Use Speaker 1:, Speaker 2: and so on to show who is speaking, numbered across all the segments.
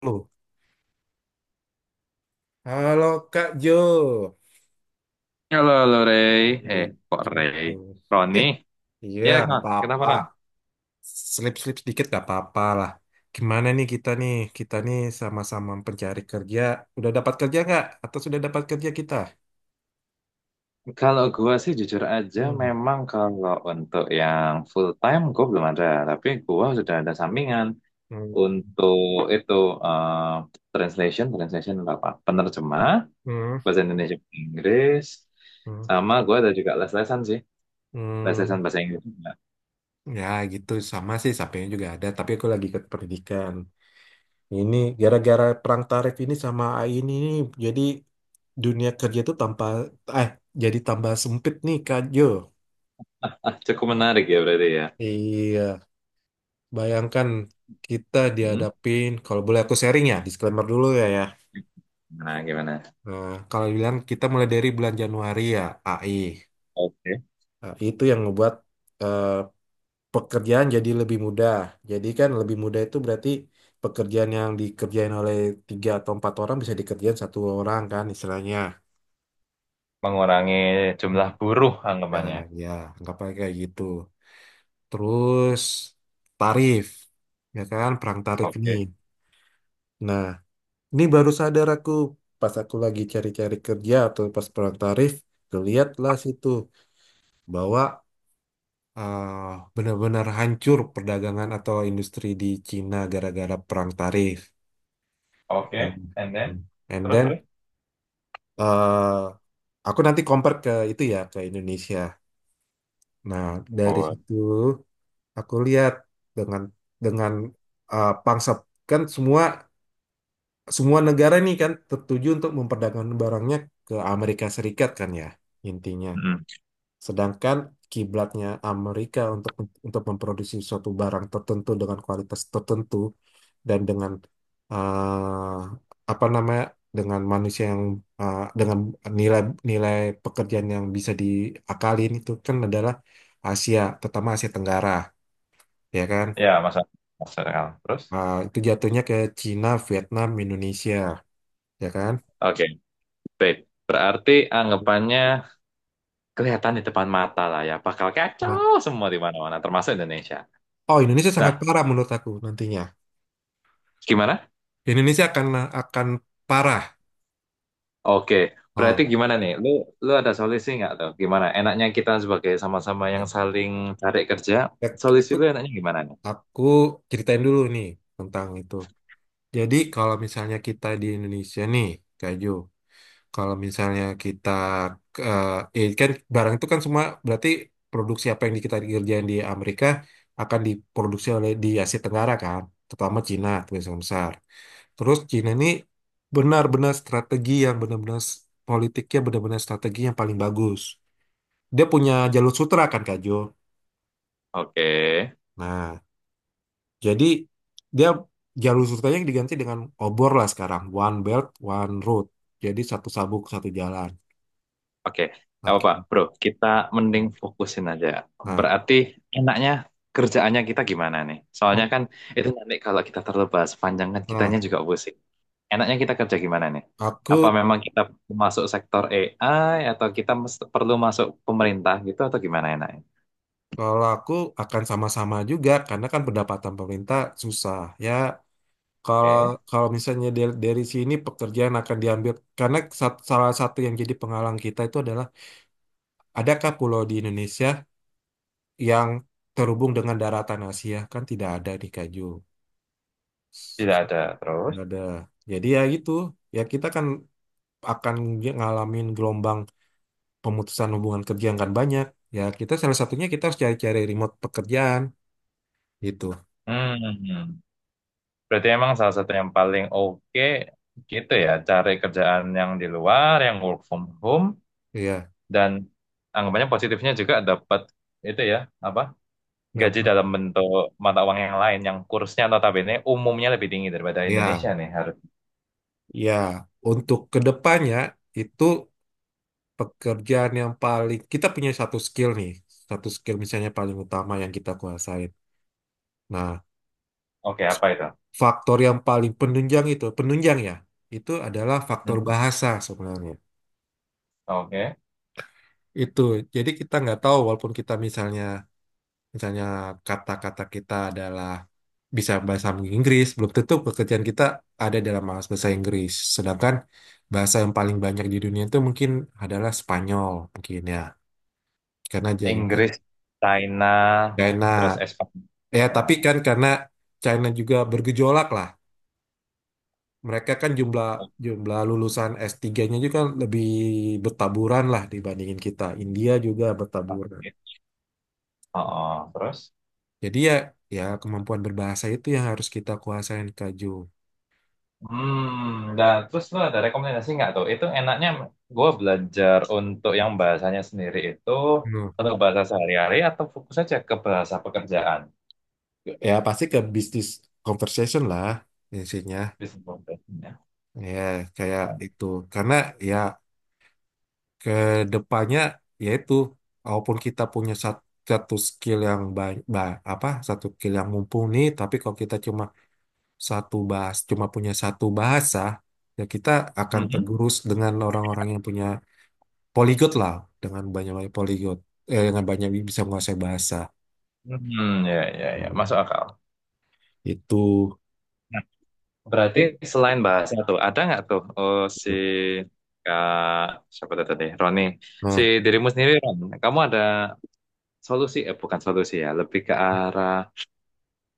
Speaker 1: Halo, halo Kak Jo.
Speaker 2: Halo, halo Rey.
Speaker 1: Eh,
Speaker 2: Eh, Kok
Speaker 1: gitu.
Speaker 2: Rey? Roni?
Speaker 1: Iya,
Speaker 2: Ya,
Speaker 1: nggak
Speaker 2: Kak. Kenapa,
Speaker 1: apa-apa.
Speaker 2: Ron?
Speaker 1: Slip-slip sedikit nggak apa-apa lah. Gimana nih kita nih? Kita nih sama-sama pencari kerja. Udah dapat kerja nggak? Atau sudah dapat kerja kita?
Speaker 2: Kalau gua sih jujur aja,
Speaker 1: Hmm.
Speaker 2: memang kalau untuk yang full time gua belum ada. Tapi gua sudah ada sampingan
Speaker 1: Hmm.
Speaker 2: untuk itu eh, translation untuk apa? Penerjemah,
Speaker 1: Hmm.
Speaker 2: bahasa Indonesia ke Inggris,
Speaker 1: Hmm.
Speaker 2: sama gua ada juga les-lesan sih. Les-lesan
Speaker 1: Hmm.
Speaker 2: bahasa Inggris juga.
Speaker 1: Ya gitu sama sih sampainya juga ada. Tapi aku lagi ikut pendidikan. Ini gara-gara perang tarif ini sama AI ini nih, jadi dunia kerja tuh tanpa eh jadi tambah sempit nih Kak Jo.
Speaker 2: Ah, cukup menarik ya berarti ya.
Speaker 1: Iya, bayangkan kita
Speaker 2: Hmm?
Speaker 1: dihadapin, kalau boleh aku sharing ya, disclaimer dulu ya.
Speaker 2: Nah, gimana?
Speaker 1: Nah, kalau bilang kita mulai dari bulan Januari ya AI.
Speaker 2: Oke.
Speaker 1: Nah, itu yang ngebuat eh, pekerjaan jadi lebih mudah. Jadi kan lebih mudah itu berarti pekerjaan yang dikerjain oleh tiga atau empat orang bisa dikerjain satu orang kan istilahnya.
Speaker 2: Mengurangi jumlah buruh
Speaker 1: Ya,
Speaker 2: anggapannya.
Speaker 1: ya, anggapannya kayak gitu. Terus tarif, ya kan, perang tarif ini.
Speaker 2: Oke,
Speaker 1: Nah, ini baru sadar aku pas aku lagi cari-cari kerja atau pas perang tarif, kelihatlah situ bahwa benar-benar hancur perdagangan atau industri di Cina gara-gara perang tarif.
Speaker 2: oke, and then
Speaker 1: Hmm. And
Speaker 2: terus
Speaker 1: then
Speaker 2: terus.
Speaker 1: eh, aku nanti compare ke itu ya ke Indonesia. Nah, dari
Speaker 2: Bon.
Speaker 1: situ aku lihat dengan dengan pangsa, kan semua semua negara nih kan tertuju untuk memperdagangkan barangnya ke Amerika Serikat kan ya intinya.
Speaker 2: Mm.
Speaker 1: Sedangkan kiblatnya Amerika untuk memproduksi suatu barang tertentu dengan kualitas tertentu dan dengan eh, apa namanya dengan manusia yang dengan nilai nilai pekerjaan yang bisa diakalin itu kan adalah Asia, terutama Asia Tenggara, ya kan?
Speaker 2: Ya, masa masa akal. Terus.
Speaker 1: Nah, itu jatuhnya ke Cina, Vietnam, Indonesia, ya kan?
Speaker 2: Oke, baik. Berarti anggapannya kelihatan di depan mata lah ya. Bakal
Speaker 1: Nah,
Speaker 2: kacau semua di mana-mana, termasuk Indonesia.
Speaker 1: oh Indonesia sangat
Speaker 2: Nah,
Speaker 1: parah menurut aku nantinya.
Speaker 2: gimana?
Speaker 1: Indonesia akan akan parah.
Speaker 2: Oke, berarti
Speaker 1: Ah,
Speaker 2: gimana nih? Lu ada solusi nggak tuh? Gimana? Enaknya kita sebagai sama-sama yang
Speaker 1: kan.
Speaker 2: saling cari kerja,
Speaker 1: Ya,
Speaker 2: solusi
Speaker 1: aku
Speaker 2: lu enaknya gimana nih?
Speaker 1: aku ceritain dulu nih tentang itu. Jadi kalau misalnya kita di Indonesia nih, Kak Jo. Kalau misalnya kita eh kan barang itu kan semua berarti produksi apa yang kita kerjain di Amerika akan diproduksi oleh di Asia Tenggara kan, terutama Cina itu yang besar. Terus Cina ini benar-benar strategi yang benar-benar politiknya benar-benar strategi yang paling bagus. Dia punya jalur sutra kan Kak Jo.
Speaker 2: Oke.
Speaker 1: Nah, jadi dia jalur sutranya diganti dengan obor lah sekarang, one belt, one road. Jadi satu sabuk satu jalan.
Speaker 2: Oke, nggak
Speaker 1: Oke.
Speaker 2: apa-apa, bro. Kita mending fokusin aja.
Speaker 1: Nah,
Speaker 2: Berarti enaknya kerjaannya kita gimana nih? Soalnya kan itu nanti kalau kita terlalu bahas panjang kan
Speaker 1: Nah,
Speaker 2: kitanya juga pusing. Enaknya kita kerja gimana nih?
Speaker 1: aku
Speaker 2: Apa memang kita masuk sektor AI atau kita perlu masuk pemerintah gitu atau gimana enaknya?
Speaker 1: kalau aku akan sama-sama juga karena kan pendapatan pemerintah susah ya. Kalau
Speaker 2: Oke,
Speaker 1: kalau misalnya dari sini pekerjaan akan diambil karena salah satu yang jadi penghalang kita itu adalah adakah pulau di Indonesia yang terhubung dengan daratan Asia? Kan tidak ada di Kaju.
Speaker 2: tidak ada terus.
Speaker 1: Nggak ada. Jadi ya gitu. Ya kita kan akan ngalamin gelombang pemutusan hubungan kerja yang kan banyak. Ya kita salah satunya kita harus cari-cari remote pekerjaan gitu.
Speaker 2: Hmm, berarti emang salah satu yang paling oke gitu ya, cari kerjaan yang di luar, yang work from home,
Speaker 1: Iya.
Speaker 2: dan anggapannya positifnya juga dapat itu ya apa gaji
Speaker 1: Dapat.
Speaker 2: dalam bentuk mata uang yang lain yang kursnya notabene umumnya lebih tinggi daripada Indonesia
Speaker 1: Ya,
Speaker 2: nih harus
Speaker 1: ya. Untuk kedepannya itu pekerjaan yang paling kita punya satu skill nih, satu skill misalnya paling utama yang kita kuasain. Nah,
Speaker 2: oke
Speaker 1: s-
Speaker 2: apa itu.
Speaker 1: faktor yang paling penunjang itu, penunjang ya, itu adalah faktor
Speaker 2: Mhm.
Speaker 1: bahasa sebenarnya.
Speaker 2: Oke.
Speaker 1: Itu, jadi kita nggak tahu walaupun kita misalnya, misalnya kata-kata kita adalah bisa bahasa Inggris, belum tentu pekerjaan kita ada dalam bahasa bahasa Inggris. Sedangkan bahasa yang paling banyak di dunia itu mungkin adalah Spanyol mungkin ya, karena jadi
Speaker 2: Inggris, China, terus
Speaker 1: China.
Speaker 2: Espanya,
Speaker 1: Ya,
Speaker 2: ya.
Speaker 1: tapi kan karena China juga bergejolak lah. Mereka kan jumlah
Speaker 2: Oke.
Speaker 1: jumlah lulusan S3-nya juga kan lebih bertaburan lah dibandingin kita. India juga bertaburan.
Speaker 2: Oh, oh, terus
Speaker 1: Jadi ya kemampuan berbahasa itu yang harus kita kuasain Kak Jo.
Speaker 2: hmm nah terus lu ada rekomendasi nggak tuh itu enaknya gue belajar untuk yang bahasanya sendiri itu
Speaker 1: Hmm.
Speaker 2: untuk bahasa sehari-hari atau fokus aja ke bahasa pekerjaan.
Speaker 1: Ya pasti ke bisnis conversation lah intinya.
Speaker 2: Business profession,
Speaker 1: Ya, kayak
Speaker 2: ya.
Speaker 1: itu. Karena ya ke depannya yaitu walaupun kita punya satu skill yang baik apa satu skill yang mumpuni tapi kalau kita cuma satu bahas cuma punya satu bahasa ya kita akan
Speaker 2: Mhm.
Speaker 1: tergerus dengan orang-orang yang punya poligot lah dengan banyak-banyak poligot dengan banyak bisa menguasai bahasa.
Speaker 2: Hmm, ya, ya, ya,
Speaker 1: Hmm,
Speaker 2: masuk akal.
Speaker 1: itu.
Speaker 2: Nah, berarti
Speaker 1: Ya.
Speaker 2: selain bahasa tuh, ada nggak tuh oh, si Kak, siapa tuh tadi, Roni, si
Speaker 1: Nah
Speaker 2: dirimu sendiri, Ron, kamu ada solusi, bukan solusi ya, lebih ke arah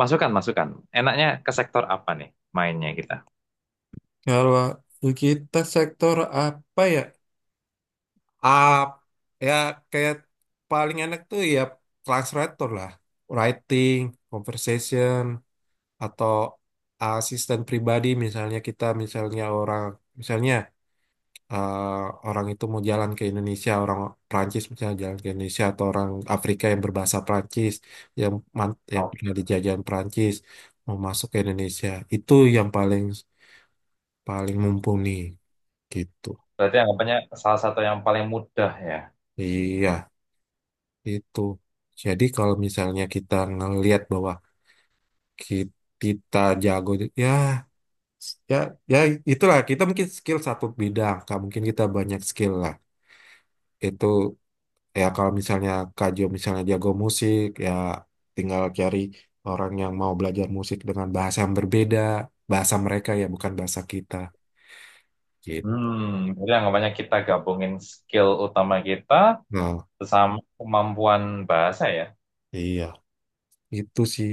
Speaker 2: masukan. Enaknya ke sektor apa nih mainnya kita?
Speaker 1: kalau kita sektor apa ya, up ya kayak paling enak tuh ya translator lah, writing, conversation, atau asisten pribadi. Misalnya kita misalnya orang, misalnya eh, orang itu mau jalan ke Indonesia, orang Prancis misalnya jalan ke Indonesia, atau orang Afrika yang berbahasa Prancis, yang yang
Speaker 2: Oh,
Speaker 1: pernah dijajahan Prancis mau masuk ke Indonesia, itu yang paling paling mumpuni gitu.
Speaker 2: berarti anggapannya salah satu yang paling mudah ya.
Speaker 1: Iya. Itu. Jadi kalau misalnya kita ngelihat bahwa ki- kita jago ya ya ya itulah kita mungkin skill satu bidang, Kak. Mungkin kita banyak skill lah. Itu ya kalau misalnya Kak Jo misalnya jago musik ya tinggal cari orang yang mau belajar musik dengan bahasa yang berbeda, bahasa mereka ya bukan bahasa kita. Gitu.
Speaker 2: Hmm, berarti anggapannya kita gabungin skill utama kita
Speaker 1: Nah,
Speaker 2: bersama kemampuan bahasa ya.
Speaker 1: iya, itu sih.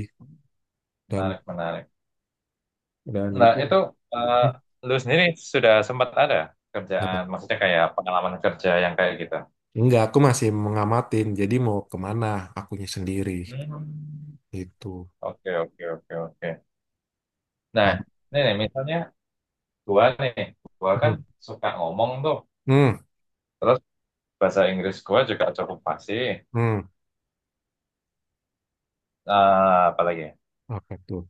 Speaker 1: Dan
Speaker 2: Menarik, menarik. Nah,
Speaker 1: itu.
Speaker 2: itu eh,
Speaker 1: Hmm,
Speaker 2: lu sendiri sudah sempat ada
Speaker 1: apa?
Speaker 2: kerjaan, maksudnya kayak pengalaman kerja yang kayak gitu.
Speaker 1: Enggak, aku masih mengamatin. Jadi mau kemana akunya sendiri.
Speaker 2: Hmm.
Speaker 1: Itu.
Speaker 2: Oke, oke, oke, oke. Nah,
Speaker 1: Hmm.
Speaker 2: ini nih, misalnya gua nih, gua kan suka ngomong tuh,
Speaker 1: Hmm.
Speaker 2: terus bahasa Inggris gua juga cukup fasih.
Speaker 1: Hmm.
Speaker 2: Apalagi,
Speaker 1: Apa tuh?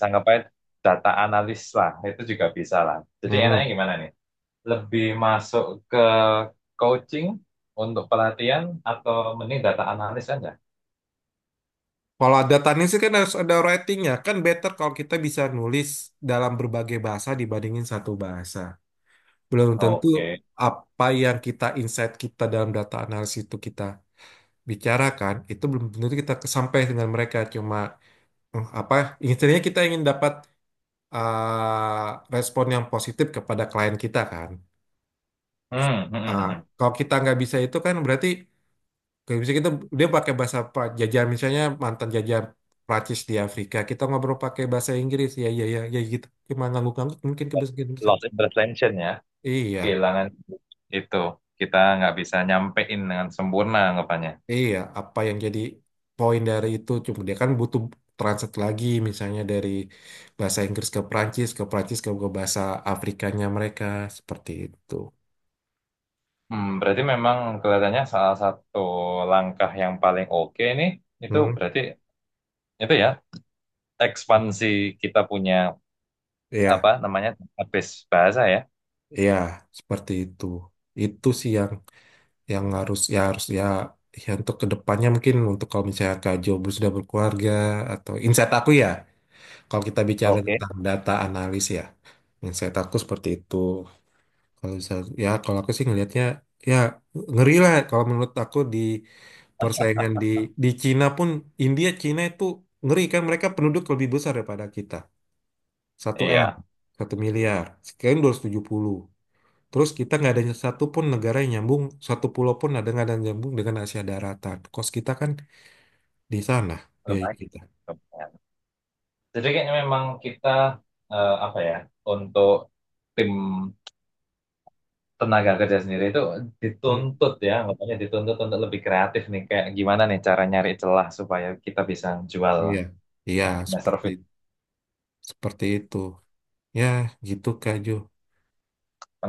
Speaker 2: sanggapnya data analis lah, itu juga bisa lah. Jadi enaknya
Speaker 1: Hmm.
Speaker 2: gimana nih? Lebih masuk ke coaching untuk pelatihan atau mending data analis aja?
Speaker 1: Kalau ada tanya sih kan harus ada ratingnya. Kan better kalau kita bisa nulis dalam berbagai bahasa dibandingin satu bahasa. Belum tentu
Speaker 2: Oke.
Speaker 1: apa yang kita insight, kita dalam data analisis itu kita bicarakan, itu belum tentu kita sampai dengan mereka, cuma eh, apa intinya kita ingin dapat eh, respon yang positif kepada klien kita kan.
Speaker 2: Hmm, hmm, hmm,
Speaker 1: Ah,
Speaker 2: hmm.
Speaker 1: kalau kita nggak bisa itu kan berarti nggak bisa kita, dia pakai bahasa jajah misalnya mantan jajah Prancis di Afrika, kita ngobrol pakai bahasa Inggris ya ya ya ya gitu cuma ngangguk-ngangguk mungkin kebiasaan besar.
Speaker 2: Loss in translation ya,
Speaker 1: Iya,
Speaker 2: kehilangan itu kita nggak bisa nyampein dengan sempurna anggapannya.
Speaker 1: iya apa yang jadi poin dari itu, cuma dia kan butuh transit lagi misalnya dari bahasa Inggris ke Prancis, ke Prancis ke bahasa Afrikanya mereka, seperti itu.
Speaker 2: Hmm, berarti memang kelihatannya salah satu langkah yang paling oke nih itu
Speaker 1: Hmm.
Speaker 2: berarti itu ya ekspansi kita punya apa
Speaker 1: Iya,
Speaker 2: namanya database bahasa ya.
Speaker 1: iya, itu. Itu sih yang harus ya ya untuk kedepannya, mungkin untuk kalau misalnya Kak Jobu sudah berkeluarga, atau insight aku ya kalau kita bicara
Speaker 2: Oke.
Speaker 1: tentang data analis ya, insight aku seperti itu. Kalau bisa ya kalau aku sih ngelihatnya ya ngeri lah, kalau menurut aku di persaingan di Cina pun, India Cina itu ngeri kan, mereka penduduk lebih besar daripada kita, satu M,
Speaker 2: Iya,
Speaker 1: 1 miliar sekian 200 tujuh puluh. Terus kita nggak ada satu pun negara yang nyambung, satu pulau pun ada nggak ada yang nyambung dengan Asia daratan. Kos kita kan di sana, biaya
Speaker 2: lumayan,
Speaker 1: kita.
Speaker 2: lumayan. Jadi kayaknya memang kita apa ya, untuk tim tenaga kerja sendiri itu
Speaker 1: Hmm,
Speaker 2: dituntut ya, makanya dituntut untuk lebih kreatif nih. Kayak gimana nih cara nyari celah supaya kita bisa jual.
Speaker 1: iya, iya
Speaker 2: Nah,
Speaker 1: seperti
Speaker 2: service
Speaker 1: seperti itu. Ya gitu Kak Jo.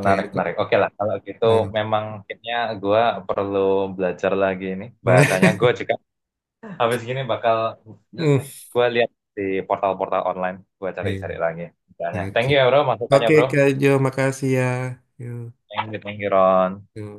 Speaker 1: Kayak
Speaker 2: menarik.
Speaker 1: kok.
Speaker 2: Oke lah, kalau gitu
Speaker 1: eh,
Speaker 2: memang kayaknya gue perlu belajar lagi nih bahasanya. Gue juga habis gini bakal
Speaker 1: hmm,
Speaker 2: gue lihat di portal-portal online, gue
Speaker 1: iya,
Speaker 2: cari-cari lagi. Misalnya, thank
Speaker 1: Oke,
Speaker 2: you ya bro, masukannya
Speaker 1: oke
Speaker 2: bro.
Speaker 1: Kak Jo, makasih ya. Yuk,
Speaker 2: Thank you Ron.
Speaker 1: yuk.